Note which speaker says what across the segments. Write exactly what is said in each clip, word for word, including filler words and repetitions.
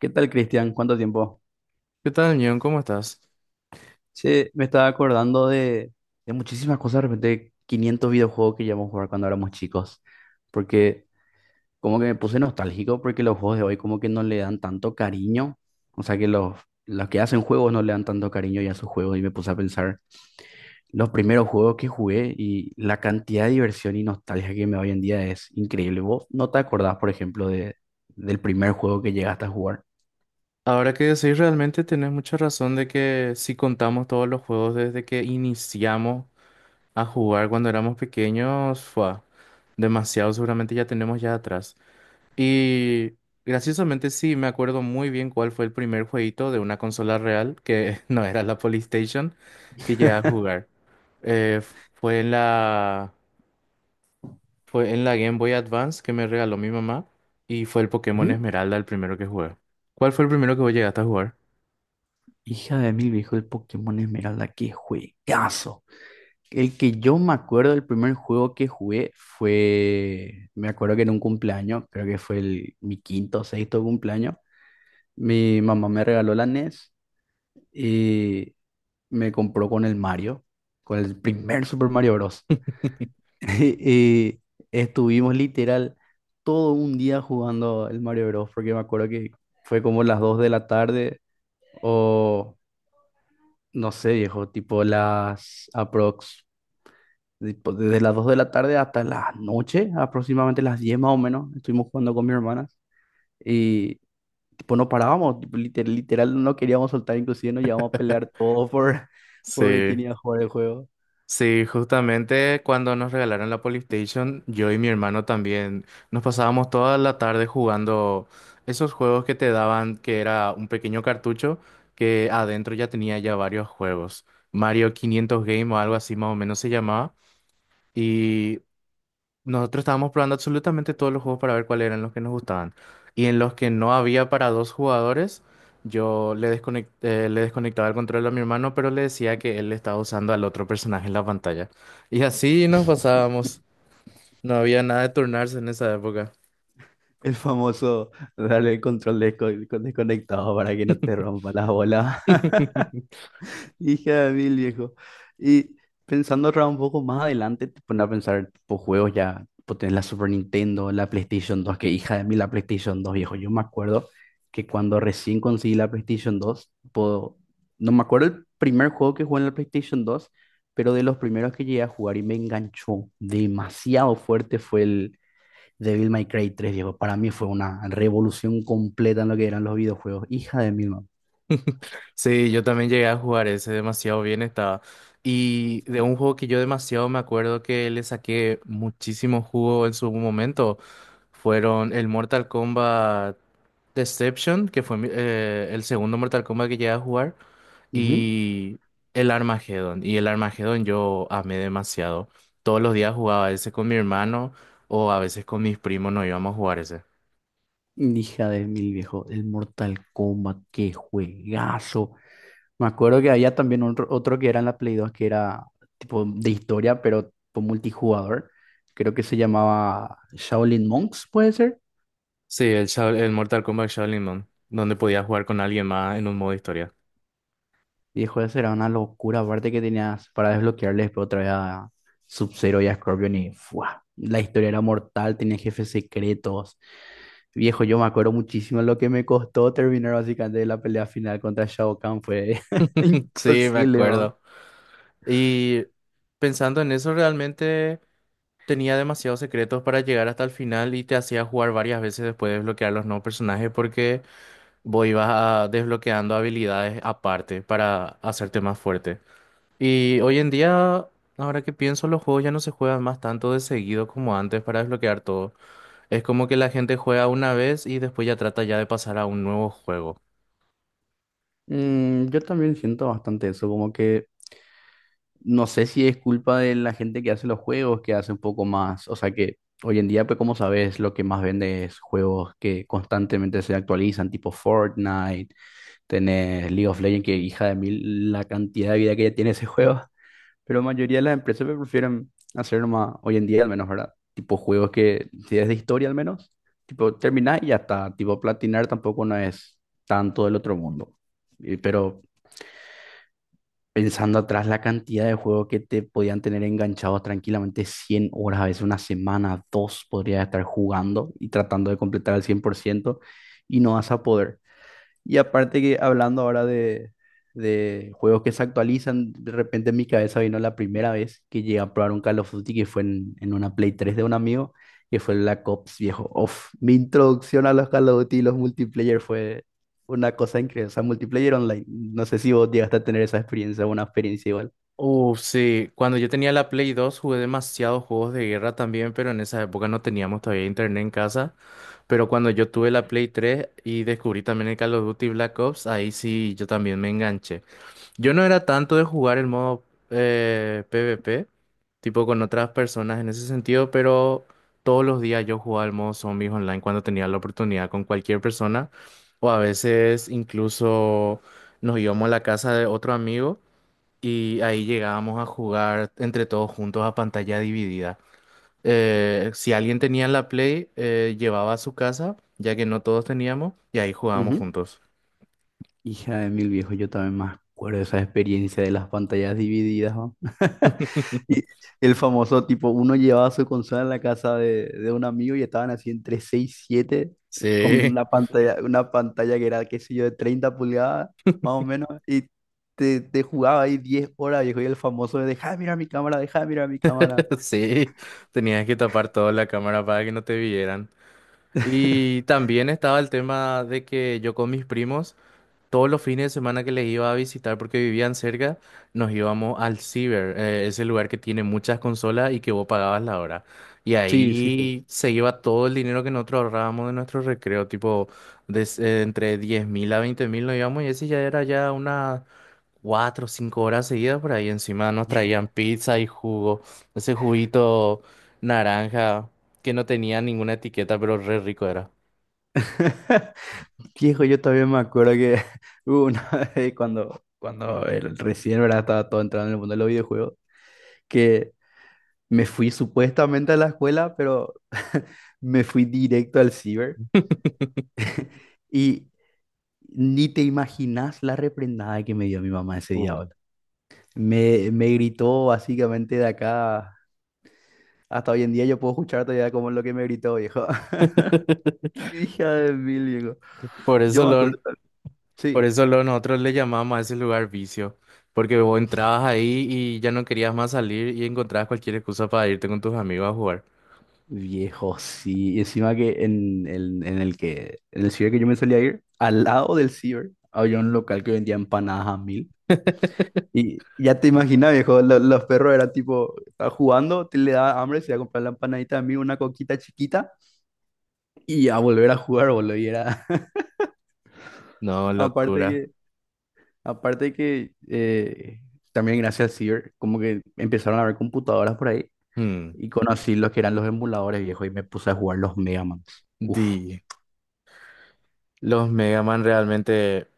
Speaker 1: ¿Qué tal, Cristian? ¿Cuánto tiempo?
Speaker 2: ¿Qué tal, Neon? ¿Cómo estás?
Speaker 1: Sí, me estaba acordando de, de muchísimas cosas, de repente quinientos videojuegos que llevamos a jugar cuando éramos chicos, porque como que me puse nostálgico porque los juegos de hoy como que no le dan tanto cariño, o sea que los, los que hacen juegos no le dan tanto cariño ya a sus juegos y me puse a pensar los primeros juegos que jugué, y la cantidad de diversión y nostalgia que me da hoy en día es increíble. ¿Vos no te acordás, por ejemplo, de, del primer juego que llegaste a jugar?
Speaker 2: Ahora que decís, realmente tenés mucha razón de que si contamos todos los juegos desde que iniciamos a jugar cuando éramos pequeños, fue demasiado, seguramente ya tenemos ya atrás. Y graciosamente sí, me acuerdo muy bien cuál fue el primer jueguito de una consola real, que no era la PlayStation, que llegué a jugar. Eh, f- fue en la, fue en la Game Boy Advance que me regaló mi mamá y fue el Pokémon
Speaker 1: Ujú.
Speaker 2: Esmeralda el primero que jugué. ¿Cuál fue el primero que vos llegaste a jugar?
Speaker 1: Hija de mil, viejo, el Pokémon Esmeralda, qué juegazo. El que yo me acuerdo, el primer juego que jugué fue, me acuerdo que en un cumpleaños, creo que fue el, mi quinto o sexto cumpleaños, mi mamá me regaló la N E S y me compró con el Mario, con el primer Super Mario Bros. Y estuvimos literal todo un día jugando el Mario Bros., porque me acuerdo que fue como las dos de la tarde o no sé, viejo, tipo las aprox, tipo desde las dos de la tarde hasta la noche, aproximadamente las diez más o menos, estuvimos jugando con mis hermanas y tipo no parábamos, tipo, liter- literal, no queríamos soltar, inclusive nos llevamos a pelear todo por, por ver quién
Speaker 2: Sí,
Speaker 1: iba a jugar el juego.
Speaker 2: sí, justamente cuando nos regalaron la PlayStation, yo y mi hermano también nos pasábamos toda la tarde jugando esos juegos que te daban, que era un pequeño cartucho que adentro ya tenía ya varios juegos. Mario quinientos Game o algo así más o menos se llamaba. Y nosotros estábamos probando absolutamente todos los juegos para ver cuáles eran los que nos gustaban. Y en los que no había para dos jugadores, yo le desconec- eh, le desconectaba el control a mi hermano, pero le decía que él estaba usando al otro personaje en la pantalla. Y así nos pasábamos. No había nada de turnarse en esa época.
Speaker 1: El famoso darle el control desco- desconectado para que no te rompa las bolas. Hija de mil, viejo. Y pensando otra un poco más adelante, te pones a pensar, tipo, juegos ya, tipo, tenés la Super Nintendo, la PlayStation dos, que hija de mil la PlayStation dos, viejo. Yo me acuerdo que cuando recién conseguí la PlayStation dos, tipo, no me acuerdo el primer juego que jugué en la PlayStation dos, pero de los primeros que llegué a jugar y me enganchó demasiado fuerte fue el Devil May Cry tres, viejo. Para mí fue una revolución completa en lo que eran los videojuegos. Hija de mil,
Speaker 2: Sí, yo también llegué a jugar ese, demasiado bien estaba. Y de un juego que yo demasiado me acuerdo que le saqué muchísimo jugo en su momento, fueron el Mortal Kombat Deception, que fue mi- eh, el segundo Mortal Kombat que llegué a jugar,
Speaker 1: man.
Speaker 2: y el Armageddon. Y el Armageddon yo amé demasiado. Todos los días jugaba ese con mi hermano o a veces con mis primos nos íbamos a jugar ese.
Speaker 1: Hija de mil, viejo, el Mortal Kombat, qué juegazo. Me acuerdo que había también otro, otro que era en la Play dos, que era tipo de historia, pero tipo multijugador. Creo que se llamaba Shaolin Monks, puede ser.
Speaker 2: Sí, el, Shao- el Mortal Kombat Shaolin Mon, donde podía jugar con alguien más en un modo historia.
Speaker 1: Viejo, esa era una locura. Aparte que tenías para desbloquearle después otra vez a Sub-Zero y a Scorpion, y ¡fua! La historia era mortal, tenía jefes secretos. Viejo, yo me acuerdo muchísimo lo que me costó terminar básicamente la pelea final contra Shao Kahn. Fue
Speaker 2: Sí, me
Speaker 1: imposible, ¿no?
Speaker 2: acuerdo. Y pensando en eso, realmente tenía demasiados secretos para llegar hasta el final y te hacía jugar varias veces después de desbloquear los nuevos personajes porque vos ibas a- desbloqueando habilidades aparte para hacerte más fuerte. Y hoy en día, ahora que pienso, los juegos ya no se juegan más tanto de seguido como antes para desbloquear todo. Es como que la gente juega una vez y después ya trata ya de pasar a un nuevo juego.
Speaker 1: Mm, yo también siento bastante eso, como que no sé si es culpa de la gente que hace los juegos, que hace un poco más, o sea que hoy en día, pues como sabes, lo que más vende es juegos que constantemente se actualizan, tipo Fortnite, tenés League of Legends, que hija de mil la cantidad de vida que ya tiene ese juego, pero la mayoría de las empresas pues prefieren hacer nomás, hoy en día al menos, ¿verdad? Tipo juegos que, si es de historia al menos, tipo terminar y ya está, tipo platinar tampoco no es tanto del otro mundo. Y, pero pensando atrás la cantidad de juegos que te podían tener enganchados tranquilamente cien horas, a veces una semana, dos, podrías estar jugando y tratando de completar al cien por ciento y no vas a poder. Y aparte que hablando ahora de, de juegos que se actualizan, de repente en mi cabeza vino la primera vez que llegué a probar un Call of Duty, que fue en, en una Play tres de un amigo, que fue el Black Ops, viejo. Uf, mi introducción a los Call of Duty y los multiplayer fue una cosa increíble. O sea, multiplayer online. No sé si vos llegaste a tener esa experiencia, una experiencia igual.
Speaker 2: Uf, sí, cuando yo tenía la Play dos jugué demasiados juegos de guerra también, pero en esa época no teníamos todavía internet en casa. Pero cuando yo tuve la Play tres y descubrí también el Call of Duty Black Ops, ahí sí yo también me enganché. Yo no era tanto de jugar el modo eh, P v P, tipo con otras personas en ese sentido, pero todos los días yo jugaba el modo Zombies Online cuando tenía la oportunidad con cualquier persona, o a veces incluso nos íbamos a la casa de otro amigo y ahí llegábamos a jugar entre todos juntos a pantalla dividida. Eh, si alguien tenía la Play, eh, llevaba a su casa, ya que no todos teníamos, y ahí jugábamos juntos.
Speaker 1: Hija de mil, viejos, yo también me acuerdo de esa experiencia de las pantallas divididas, ¿no? Y el famoso tipo, uno llevaba su consola a la casa de, de un amigo y estaban así entre seis y siete con
Speaker 2: Sí,
Speaker 1: una pantalla, una pantalla que era, qué sé yo, de treinta pulgadas, más o menos, y te, te jugaba ahí diez horas, viejo, y el famoso de, deja de mirar mi cámara, deja de mirar mi cámara.
Speaker 2: sí, tenías que tapar toda la cámara para que no te vieran. Y también estaba el tema de que yo con mis primos. Todos los fines de semana que les iba a visitar porque vivían cerca, nos íbamos al Ciber, eh, ese lugar que tiene muchas consolas y que vos pagabas la hora. Y
Speaker 1: Sí, sí.
Speaker 2: ahí se iba todo el dinero que nosotros ahorrábamos de nuestro recreo, tipo des- eh, entre diez mil a veinte mil nos íbamos y ese ya era ya unas cuatro o cinco horas seguidas por ahí. Encima nos traían pizza y jugo, ese juguito naranja que no tenía ninguna etiqueta, pero re rico era.
Speaker 1: Viejo, yo todavía me acuerdo que hubo una vez cuando, cuando el- recién, ¿verdad? Estaba todo entrando en el mundo de los videojuegos, que me fui supuestamente a la escuela, pero me fui directo al ciber, y ni te imaginas la reprendada que me dio mi mamá ese día,
Speaker 2: Uh,
Speaker 1: boludo. Me, me gritó básicamente de acá, hasta hoy en día yo puedo escuchar todavía como lo que me gritó, viejo. Hija de mil, viejo.
Speaker 2: Por eso
Speaker 1: Yo me
Speaker 2: lo,
Speaker 1: acuerdo,
Speaker 2: Por
Speaker 1: sí.
Speaker 2: eso lo- nosotros le llamamos a ese lugar vicio, porque vos entrabas ahí y ya no querías más salir y encontrabas cualquier excusa para irte con tus amigos a jugar.
Speaker 1: Viejo, sí. Y encima que en, en, en el que, en el ciber que yo me solía ir, al lado del ciber, había un local que vendía empanadas a mil. Y ya te imaginas, viejo, lo- los perros eran tipo, estaba jugando, te le daba hambre, se iba a comprar la empanadita a mil, una coquita chiquita, y a volver a jugar, boludo. Y era,
Speaker 2: No,
Speaker 1: aparte
Speaker 2: locura.
Speaker 1: que, aparte que, eh, también gracias al ciber, como que empezaron a haber computadoras por ahí,
Speaker 2: Hmm.
Speaker 1: y conocí los que eran los emuladores, viejo, y me puse a jugar los Mega Man. Uf.
Speaker 2: Di, los Mega Man realmente.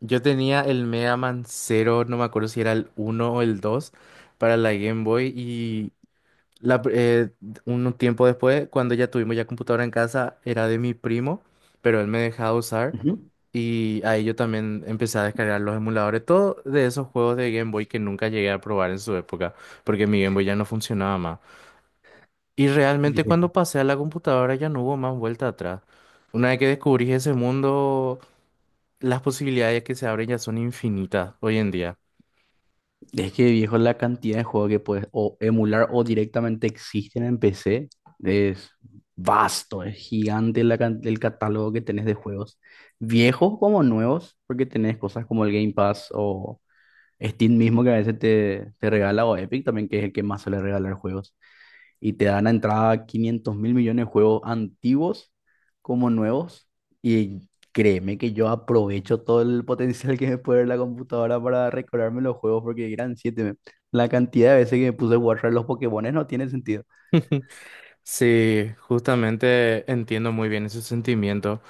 Speaker 2: Yo tenía el Mega Man cero, no me acuerdo si era el uno o el dos para la Game Boy. La pr- eh, un tiempo después, cuando ya tuvimos ya computadora en casa, era de mi primo, pero él me dejaba usar
Speaker 1: Ujú.
Speaker 2: y ahí yo también empecé a descargar los emuladores, todo de esos juegos de Game Boy que nunca llegué a probar en su época, porque mi Game Boy ya no funcionaba más. Y realmente cuando pasé a la computadora ya no hubo más vuelta atrás. Una vez que descubrí ese mundo, las posibilidades que se abren ya son infinitas hoy en día.
Speaker 1: Es que, viejo, la cantidad de juegos que puedes o emular o directamente existen en P C es vasto, es gigante la can- el catálogo que tenés de juegos, viejos como nuevos, porque tenés cosas como el Game Pass o Steam mismo que a veces te, te regala, o Epic también, que es el que más suele regalar juegos, y te dan a entrada quinientos mil millones de juegos antiguos como nuevos. Y créeme que yo aprovecho todo el potencial que me puede dar la computadora para recordarme los juegos porque eran siete. Me- La cantidad de veces que me puse a guardar los Pokémones no tiene sentido.
Speaker 2: Sí, justamente entiendo muy bien ese sentimiento.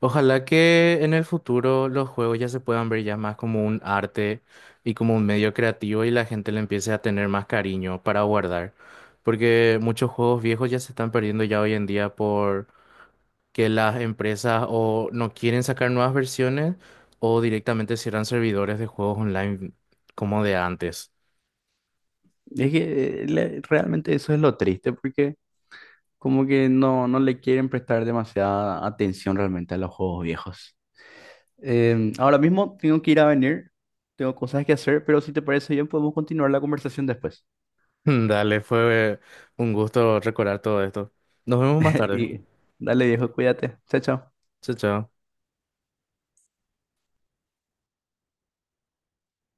Speaker 2: Ojalá que en el futuro los juegos ya se puedan ver ya más como un arte y como un medio creativo y la gente le empiece a tener más cariño para guardar, porque muchos juegos viejos ya se están perdiendo ya hoy en día por que las empresas o no quieren sacar nuevas versiones o directamente cierran servidores de juegos online como de antes.
Speaker 1: Es que eh, le- realmente eso es lo triste, porque como que no, no le quieren prestar demasiada atención realmente a los juegos viejos. Em, ahora mismo tengo que ir a venir, tengo cosas que hacer, pero si te parece bien podemos continuar la conversación después.
Speaker 2: Dale, fue un gusto recordar todo esto. Nos vemos más tarde.
Speaker 1: Y dale, viejo, cuídate. Chao, chao.
Speaker 2: Chao, chao.